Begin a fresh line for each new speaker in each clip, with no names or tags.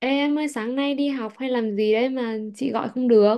Ê em ơi sáng nay đi học hay làm gì đấy mà chị gọi không được?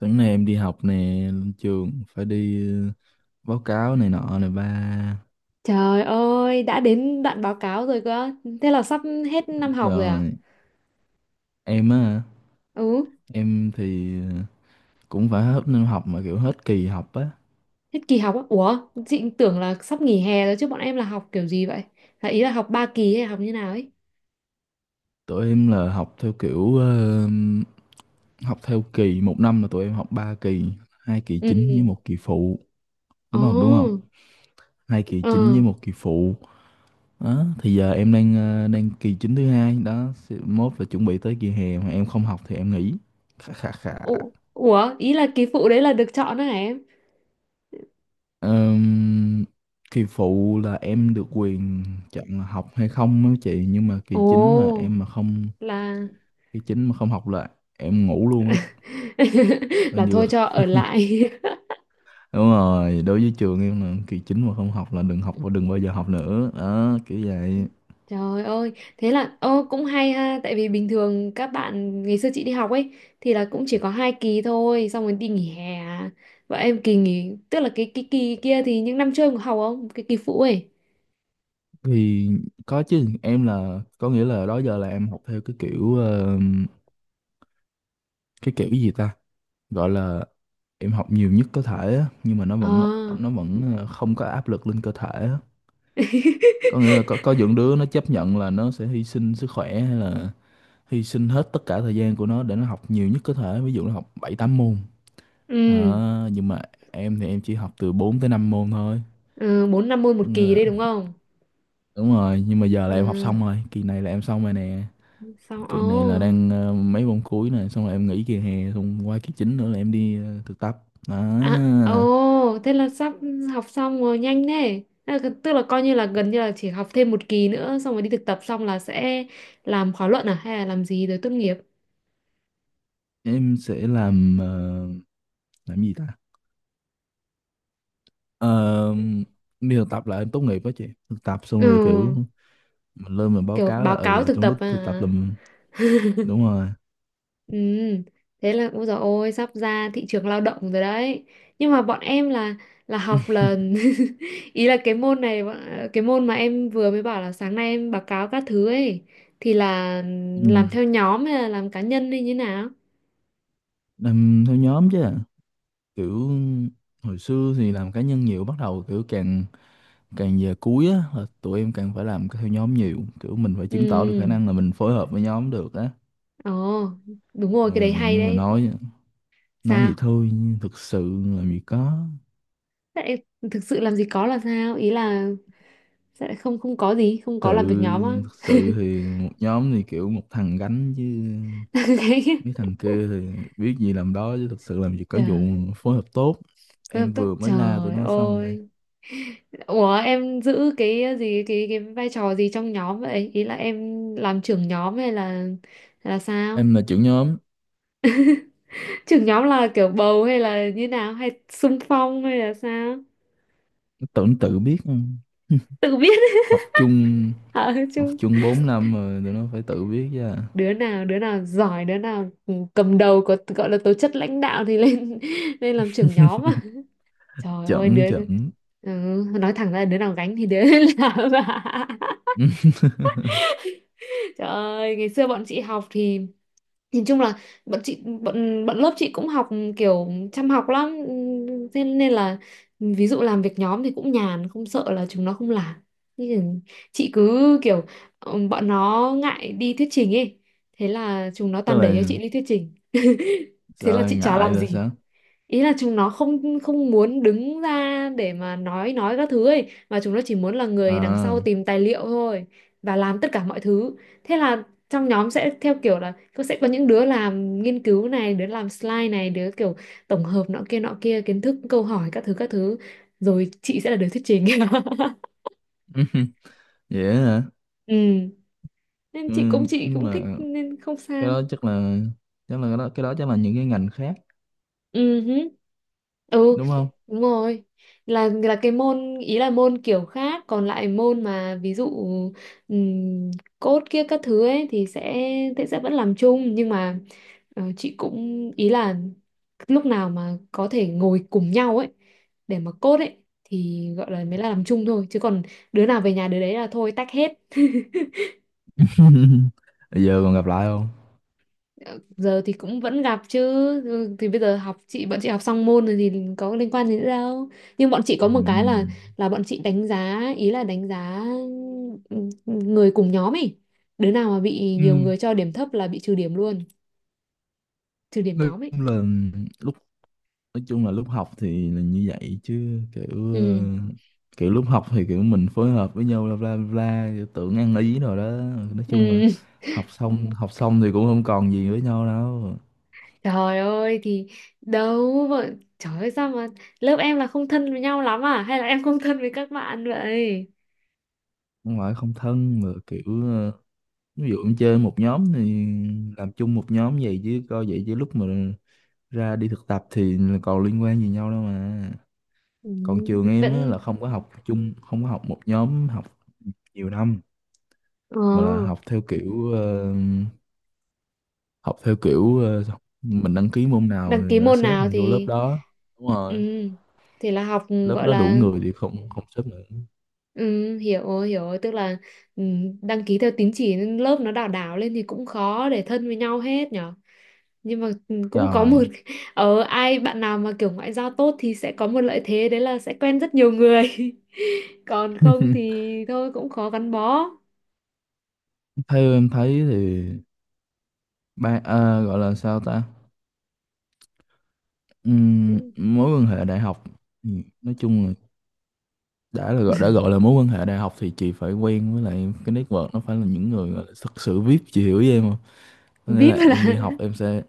Sáng nay em đi học nè, lên trường phải đi báo cáo này nọ này ba.
Trời ơi, đã đến đoạn báo cáo rồi cơ. Thế là sắp hết năm học rồi à?
Rồi em á,
Ừ,
em thì cũng phải hết năm học mà kiểu hết kỳ học á.
hết kỳ học á. Ủa, chị tưởng là sắp nghỉ hè rồi chứ bọn em là học kiểu gì vậy? Là ý là học ba kỳ hay học như nào ấy?
Tụi em là học theo kiểu học theo kỳ, một năm là tụi em học ba kỳ, hai kỳ
Ừ.
chính với một kỳ phụ, đúng không? Đúng không?
Ồ,
Hai kỳ
ờ.
chính với một kỳ phụ. Đó, thì giờ em đang đang kỳ chính thứ hai đó, mốt là chuẩn bị tới kỳ hè mà em không học thì em nghỉ. Khà khà khà.
Ủa, ủa, ý là kỳ phụ đấy là được chọn đó hả em?
Ờm, Kỳ phụ là em được quyền chọn là học hay không á chị, nhưng mà kỳ chính là
Ồ,
em mà không,
là
kỳ chính mà không học là em ngủ luôn á, coi
là
như
thôi
là
cho ở lại.
đúng rồi. Đối với trường em là kỳ chính mà không học là đừng học và đừng bao giờ học nữa đó, kiểu vậy.
Trời ơi, thế là ô cũng hay ha, tại vì bình thường các bạn ngày xưa chị đi học ấy thì là cũng chỉ có hai kỳ thôi, xong rồi đi nghỉ hè. Và em kỳ nghỉ, tức là cái kỳ kia thì những năm trước em có học không? Cái kỳ phụ ấy.
Thì có chứ, em là có nghĩa là đó giờ là em học theo cái kiểu gì ta gọi là em học nhiều nhất có thể á, nhưng mà
À.
nó vẫn không có áp lực lên cơ thể á. Có nghĩa là có những đứa nó chấp nhận là nó sẽ hy sinh sức khỏe hay là hy sinh hết tất cả thời gian của nó để nó học nhiều nhất có thể, ví dụ nó học 7 8 môn.
Ừ,
Nhưng mà em thì em chỉ học từ 4 tới 5 môn thôi.
ừ, 4 năm môn một
Có nghĩa
kỳ
là,
đấy đúng không?
đúng rồi, nhưng mà giờ là em học
Ừ,
xong rồi, kỳ này là em xong rồi nè.
xong
Kỳ
ồ.
này là đang mấy môn cuối nè, xong rồi em nghỉ kỳ hè, xong qua kỳ chính nữa là em đi thực tập
À,
à.
ồ, thế là sắp học xong rồi nhanh thế. À, tức là coi như là gần như là chỉ học thêm một kỳ nữa xong rồi đi thực tập xong là sẽ làm khóa luận à hay là làm gì rồi tốt nghiệp.
Em sẽ làm làm gì ta. Ờ, đi thực tập là em tốt nghiệp đó chị, thực tập xong rồi kiểu
Ừ,
mình lên mình báo
kiểu
cáo là
báo cáo
ừ
thực
trong
tập
lúc thực tập
à.
làm, đúng rồi.
Ừ, thế là ôi dồi ôi sắp ra thị trường lao động rồi đấy. Nhưng mà bọn em là học là ý là cái môn này bọn- cái môn mà em vừa mới bảo là sáng nay em báo cáo các thứ ấy thì là làm
Ừ.
theo nhóm hay là làm cá nhân hay như nào?
Làm theo nhóm chứ kiểu hồi xưa thì làm cá nhân nhiều, bắt đầu kiểu càng càng về cuối á là tụi em càng phải làm theo nhóm nhiều, kiểu mình phải chứng tỏ được khả
Ừ.
năng là mình phối hợp với nhóm được á.
Ồ, đúng rồi,
Ờ,
cái đấy hay
nhưng mà
đấy.
nói vậy
Sao?
thôi nhưng thực sự làm gì có,
Thế lại thực sự làm gì có là sao? Ý là sẽ lại không không có gì, không có
sự
làm việc nhóm á.
thực sự thì một nhóm thì kiểu một thằng gánh chứ.
Đấy.
Mấy thằng kia thì biết gì làm đó chứ, thực sự làm gì có vụ
Trời,
phối hợp tốt. Em
tôi,
vừa mới la tụi
trời
nó xong đây.
ơi. Ủa em giữ cái gì cái vai trò gì trong nhóm vậy? Ý là em làm trưởng nhóm hay là sao?
Em là trưởng nhóm,
Trưởng nhóm là kiểu bầu hay là như nào hay xung phong hay là sao?
tưởng tự biết không?
Tự biết
Học chung,
hả
học
chứ.
chung 4 năm rồi tụi nó phải tự biết chứ. À.
Đứa nào đứa nào giỏi đứa nào ừ, cầm đầu có gọi là tố chất lãnh đạo thì lên lên làm trưởng nhóm mà trời ơi đứa
Chẩn chẩn.
ừ, nói thẳng ra là đứa nào gánh thì đứa ấy làm ạ. Trời ơi ngày xưa bọn chị học thì nhìn chung là bọn lớp chị cũng học kiểu chăm học lắm. Thế nên là ừ, ví dụ làm việc nhóm thì cũng nhàn không sợ là chúng nó không làm. Nhưng chị cứ kiểu ừ, bọn nó ngại đi thuyết trình ấy, thế là chúng nó
Tức
toàn đẩy cho
là
chị đi thuyết trình. Thế là
sợ là
chị chả
ngại
làm
là
gì,
sao?
ý là chúng nó không không muốn đứng ra để mà nói các thứ ấy mà chúng nó chỉ muốn là người đằng
À,
sau tìm tài liệu thôi và làm tất cả mọi thứ. Thế là trong nhóm sẽ theo kiểu là có sẽ có những đứa làm nghiên cứu này đứa làm slide này đứa kiểu tổng hợp nọ kia kiến thức câu hỏi các thứ các thứ, rồi chị sẽ là đứa thuyết trình
vậy á hả?
ừ, nên
Ừ,
chị cũng chị
nhưng
cũng
mà
thích nên không
cái
sao.
đó chắc là cái đó chắc là những cái ngành khác,
Ừ, hứ. Ừ,
đúng không?
đúng rồi, là cái môn ý là môn kiểu khác còn lại môn mà ví dụ ừm, code kia các thứ ấy thì sẽ vẫn làm chung nhưng mà chị cũng ý là lúc nào mà có thể ngồi cùng nhau ấy để mà code ấy thì gọi là mới là làm chung thôi, chứ còn đứa nào về nhà đứa đấy là thôi tách hết.
Bây giờ còn gặp lại không?
Giờ thì cũng vẫn gặp chứ. Ừ, thì bây giờ học chị bọn chị học xong môn rồi thì có liên quan gì nữa đâu, nhưng bọn chị có một cái là
Ừ.
bọn chị đánh giá ý là đánh giá ừ, người cùng nhóm ấy, đứa nào mà bị nhiều người cho điểm thấp là bị trừ điểm luôn, trừ điểm
Lúc
nhóm ấy.
Là lúc nói chung là lúc học thì là như vậy chứ kiểu
Ừ.
kiểu lúc học thì kiểu mình phối hợp với nhau bla bla bla kiểu tưởng ăn ý rồi đó, nói chung là
Ừ.
học xong thì cũng không còn gì với nhau đâu.
Trời ơi thì đâu mà, trời ơi sao mà lớp em là không thân với nhau lắm à hay là em không thân với các bạn vậy?
Không phải không thân mà kiểu ví dụ em chơi một nhóm thì làm chung một nhóm vậy, chứ coi vậy chứ lúc mà ra đi thực tập thì là còn liên quan gì nhau đâu mà.
Ừ,
Còn trường em á,
vẫn
là không có học chung, không có học một nhóm học nhiều năm
ờ,
mà là học theo kiểu học theo kiểu ờ, mình đăng ký môn nào
đăng
thì
ký
người ta
môn
xếp
nào
mình vô lớp
thì
đó, đúng
ừ,
rồi,
thì là học
lớp
gọi
đó đủ
là
người thì không không xếp nữa.
ừ, hiểu rồi, hiểu rồi. Tức là ừ, đăng ký theo tín chỉ nên lớp nó đảo đảo lên thì cũng khó để thân với nhau hết nhở. Nhưng mà ừ, cũng có một
Rồi.
ở ai bạn nào mà kiểu ngoại giao tốt thì sẽ có một lợi thế đấy là sẽ quen rất nhiều người. Còn không thì thôi cũng khó gắn bó.
Theo em thấy thì ba à, gọi là sao ta. Mối quan hệ đại học, ừ, nói chung là đã là gọi, đã gọi là mối quan hệ đại học thì chị phải quen với lại cái network nó phải là những người gọi là thực sự VIP, chị hiểu với em không, có nghĩa là
VIP là
em đi học em sẽ,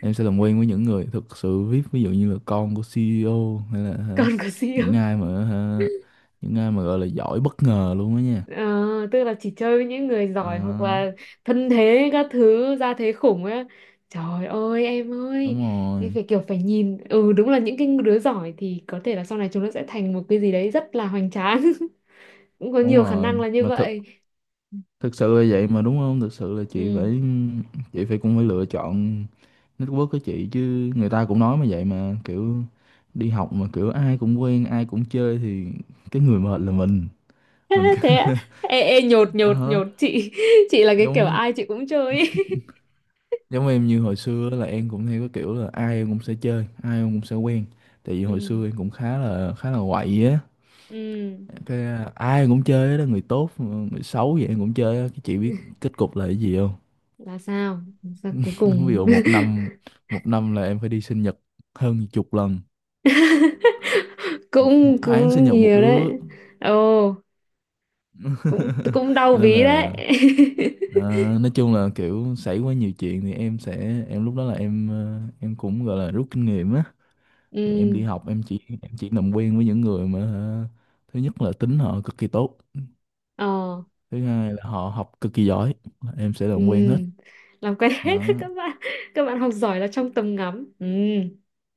em sẽ làm quen với những người thực sự vip, ví dụ như là con của CEO hay là hả,
còn có gì
những
không?
ai mà hả, những ai mà gọi là giỏi bất ngờ luôn đó nha.
Ờ, tức là chỉ chơi với những người giỏi hoặc
Đó,
là thân thế các thứ ra thế khủng á, trời ơi
đúng
em
rồi,
phải kiểu phải nhìn, ừ, đúng là những cái đứa giỏi thì có thể là sau này chúng nó sẽ thành một cái gì đấy rất là hoành tráng. Cũng có
đúng
nhiều khả năng
rồi
là như
mà thực
vậy.
thực sự là vậy mà, đúng không, thực sự là chị
Ừ.
phải, chị phải cũng phải lựa chọn network của chị chứ, người ta cũng nói mà vậy mà kiểu đi học mà kiểu ai cũng quen ai cũng chơi thì cái người mệt là mình
Thế á?
cứ
Ê, ê, nhột nhột
Ờ,
nhột chị. Chị là cái kiểu
giống
ai chị cũng chơi ý.
giống em như hồi xưa là em cũng theo cái kiểu là ai em cũng sẽ chơi ai em cũng sẽ quen, tại vì hồi
Ừ.
xưa em cũng khá là quậy á,
Ừ
cái à, ai em cũng chơi đó, người tốt người xấu vậy em cũng chơi á, cái chị biết kết cục là cái gì không.
là sao, sao cuối
Ví
cùng?
dụ một năm một năm là em phải đi sinh nhật hơn chục lần, một một
Cũng
tháng sinh
cũng
nhật một
nhiều đấy.
đứa.
Ồ, cũng cũng đau
Cho nên
ví đấy.
là ờ, nói chung là kiểu xảy quá nhiều chuyện thì em sẽ, em lúc đó là em em cũng gọi là rút kinh nghiệm á, thì em
Ừ.
đi học em chỉ, em chỉ làm quen với những người mà hả, thứ nhất là tính họ cực kỳ tốt,
Ờ.
thứ hai là họ học cực kỳ giỏi, em sẽ làm quen hết.
Ừ, làm quen hết
Đó.
các bạn, các bạn học giỏi là trong tầm ngắm. Ừ.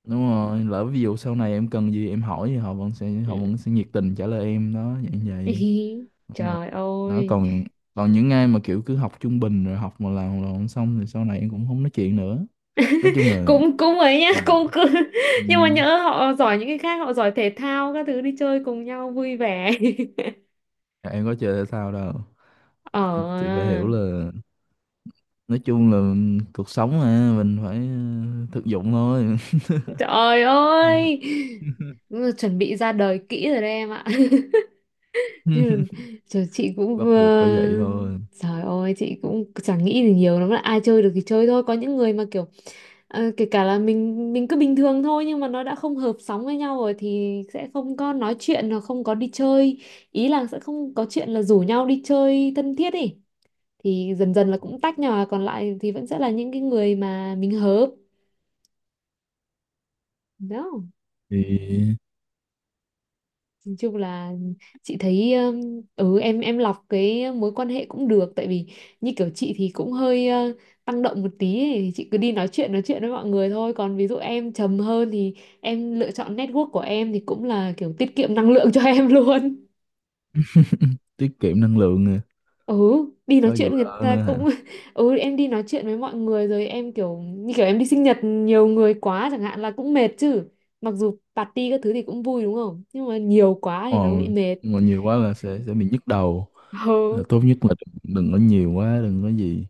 Đúng rồi, lỡ ví dụ sau này em cần gì em hỏi thì họ vẫn sẽ họ
Ừ.
vẫn sẽ nhiệt tình trả lời em đó, vậy vậy.
Ý,
Đúng rồi.
trời
Đó
ơi
còn còn những ai mà kiểu cứ học trung bình rồi học mà làm là không xong thì sau này em cũng không nói chuyện nữa, nói chung là.
cũng cũng ấy nhá
Ừ,
cũng cứ.
ừ,
Nhưng mà nhỡ họ giỏi những cái khác, họ giỏi thể thao các thứ đi chơi cùng nhau vui vẻ.
em có chơi thể thao đâu.
Ờ,
Chị phải hiểu là nói chung là cuộc sống mà mình phải thực dụng thôi.
trời
Không được.
ơi chuẩn bị ra đời kỹ rồi đấy em ạ. Thế là, rồi chị cũng
Bắt buộc
vừa,
phải vậy thôi.
trời ơi chị cũng chẳng nghĩ gì nhiều lắm, là ai chơi được thì chơi thôi, có những người mà kiểu kể cả là mình cứ bình thường thôi nhưng mà nó đã không hợp sóng với nhau rồi thì sẽ không có nói chuyện hoặc không có đi chơi, ý là sẽ không có chuyện là rủ nhau đi chơi thân thiết ý, thì dần dần là cũng tách nhỏ còn lại thì vẫn sẽ là những cái người mà mình hợp. Đó.
Thì
Nói chung là chị thấy ừ, em lọc cái mối quan hệ cũng được, tại vì như kiểu chị thì cũng hơi tăng động một tí ấy. Thì chị cứ đi nói chuyện với mọi người thôi, còn ví dụ em trầm hơn thì em lựa chọn network của em thì cũng là kiểu tiết kiệm năng lượng cho em luôn.
tiết kiệm năng lượng nè.
Ừ, đi nói
Có vụ
chuyện người
đó
ta
nữa hả?
cũng ừ, em đi nói chuyện với mọi người rồi em kiểu như kiểu em đi sinh nhật nhiều người quá chẳng hạn là cũng mệt chứ. Mặc dù party các thứ thì cũng vui đúng không? Nhưng mà nhiều quá
Ờ,
thì nó bị mệt.
nhưng mà nhiều quá là sẽ bị nhức đầu. Là
Ừ.
tốt nhất là đừng, đừng có nhiều quá, đừng có gì.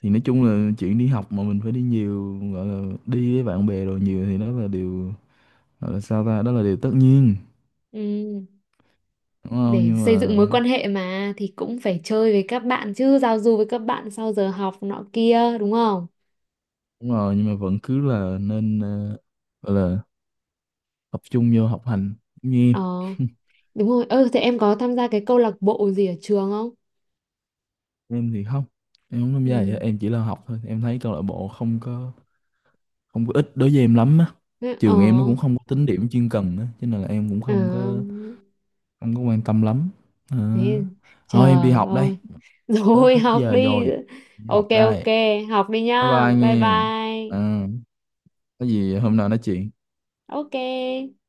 Thì nói chung là chuyện đi học mà mình phải đi nhiều, gọi là đi với bạn bè rồi nhiều thì đó là điều, gọi là sao ta, đó là điều tất nhiên,
Ừ,
đúng không,
để
nhưng
xây
mà
dựng mối quan hệ mà thì cũng phải chơi với các bạn chứ, giao du với các bạn sau giờ học nọ kia đúng không?
đúng rồi, nhưng mà vẫn cứ là nên gọi là tập trung vô học hành như
Ờ,
em.
đúng rồi, ơ thế em có tham gia cái câu lạc bộ gì ở trường không?
Em thì không, em không tham gia vậy,
Ừ,
em chỉ là học thôi, em thấy câu lạc bộ không có không có ích đối với em lắm á.
thế- ờ,
Trường em nó cũng không có tính điểm chuyên cần á cho nên là em cũng
ờ
không có không có quan tâm lắm. Ờ.
thế,
Thôi em đi
trời
học đây,
ơi.
tới
Rồi
hết
học
giờ
đi.
rồi, đi học
Ok, ok,
đây.
học đi
Bye
nhá,
bye
bye
nghe.
bye.
Ờ, có gì hôm nào nói chuyện.
Ok.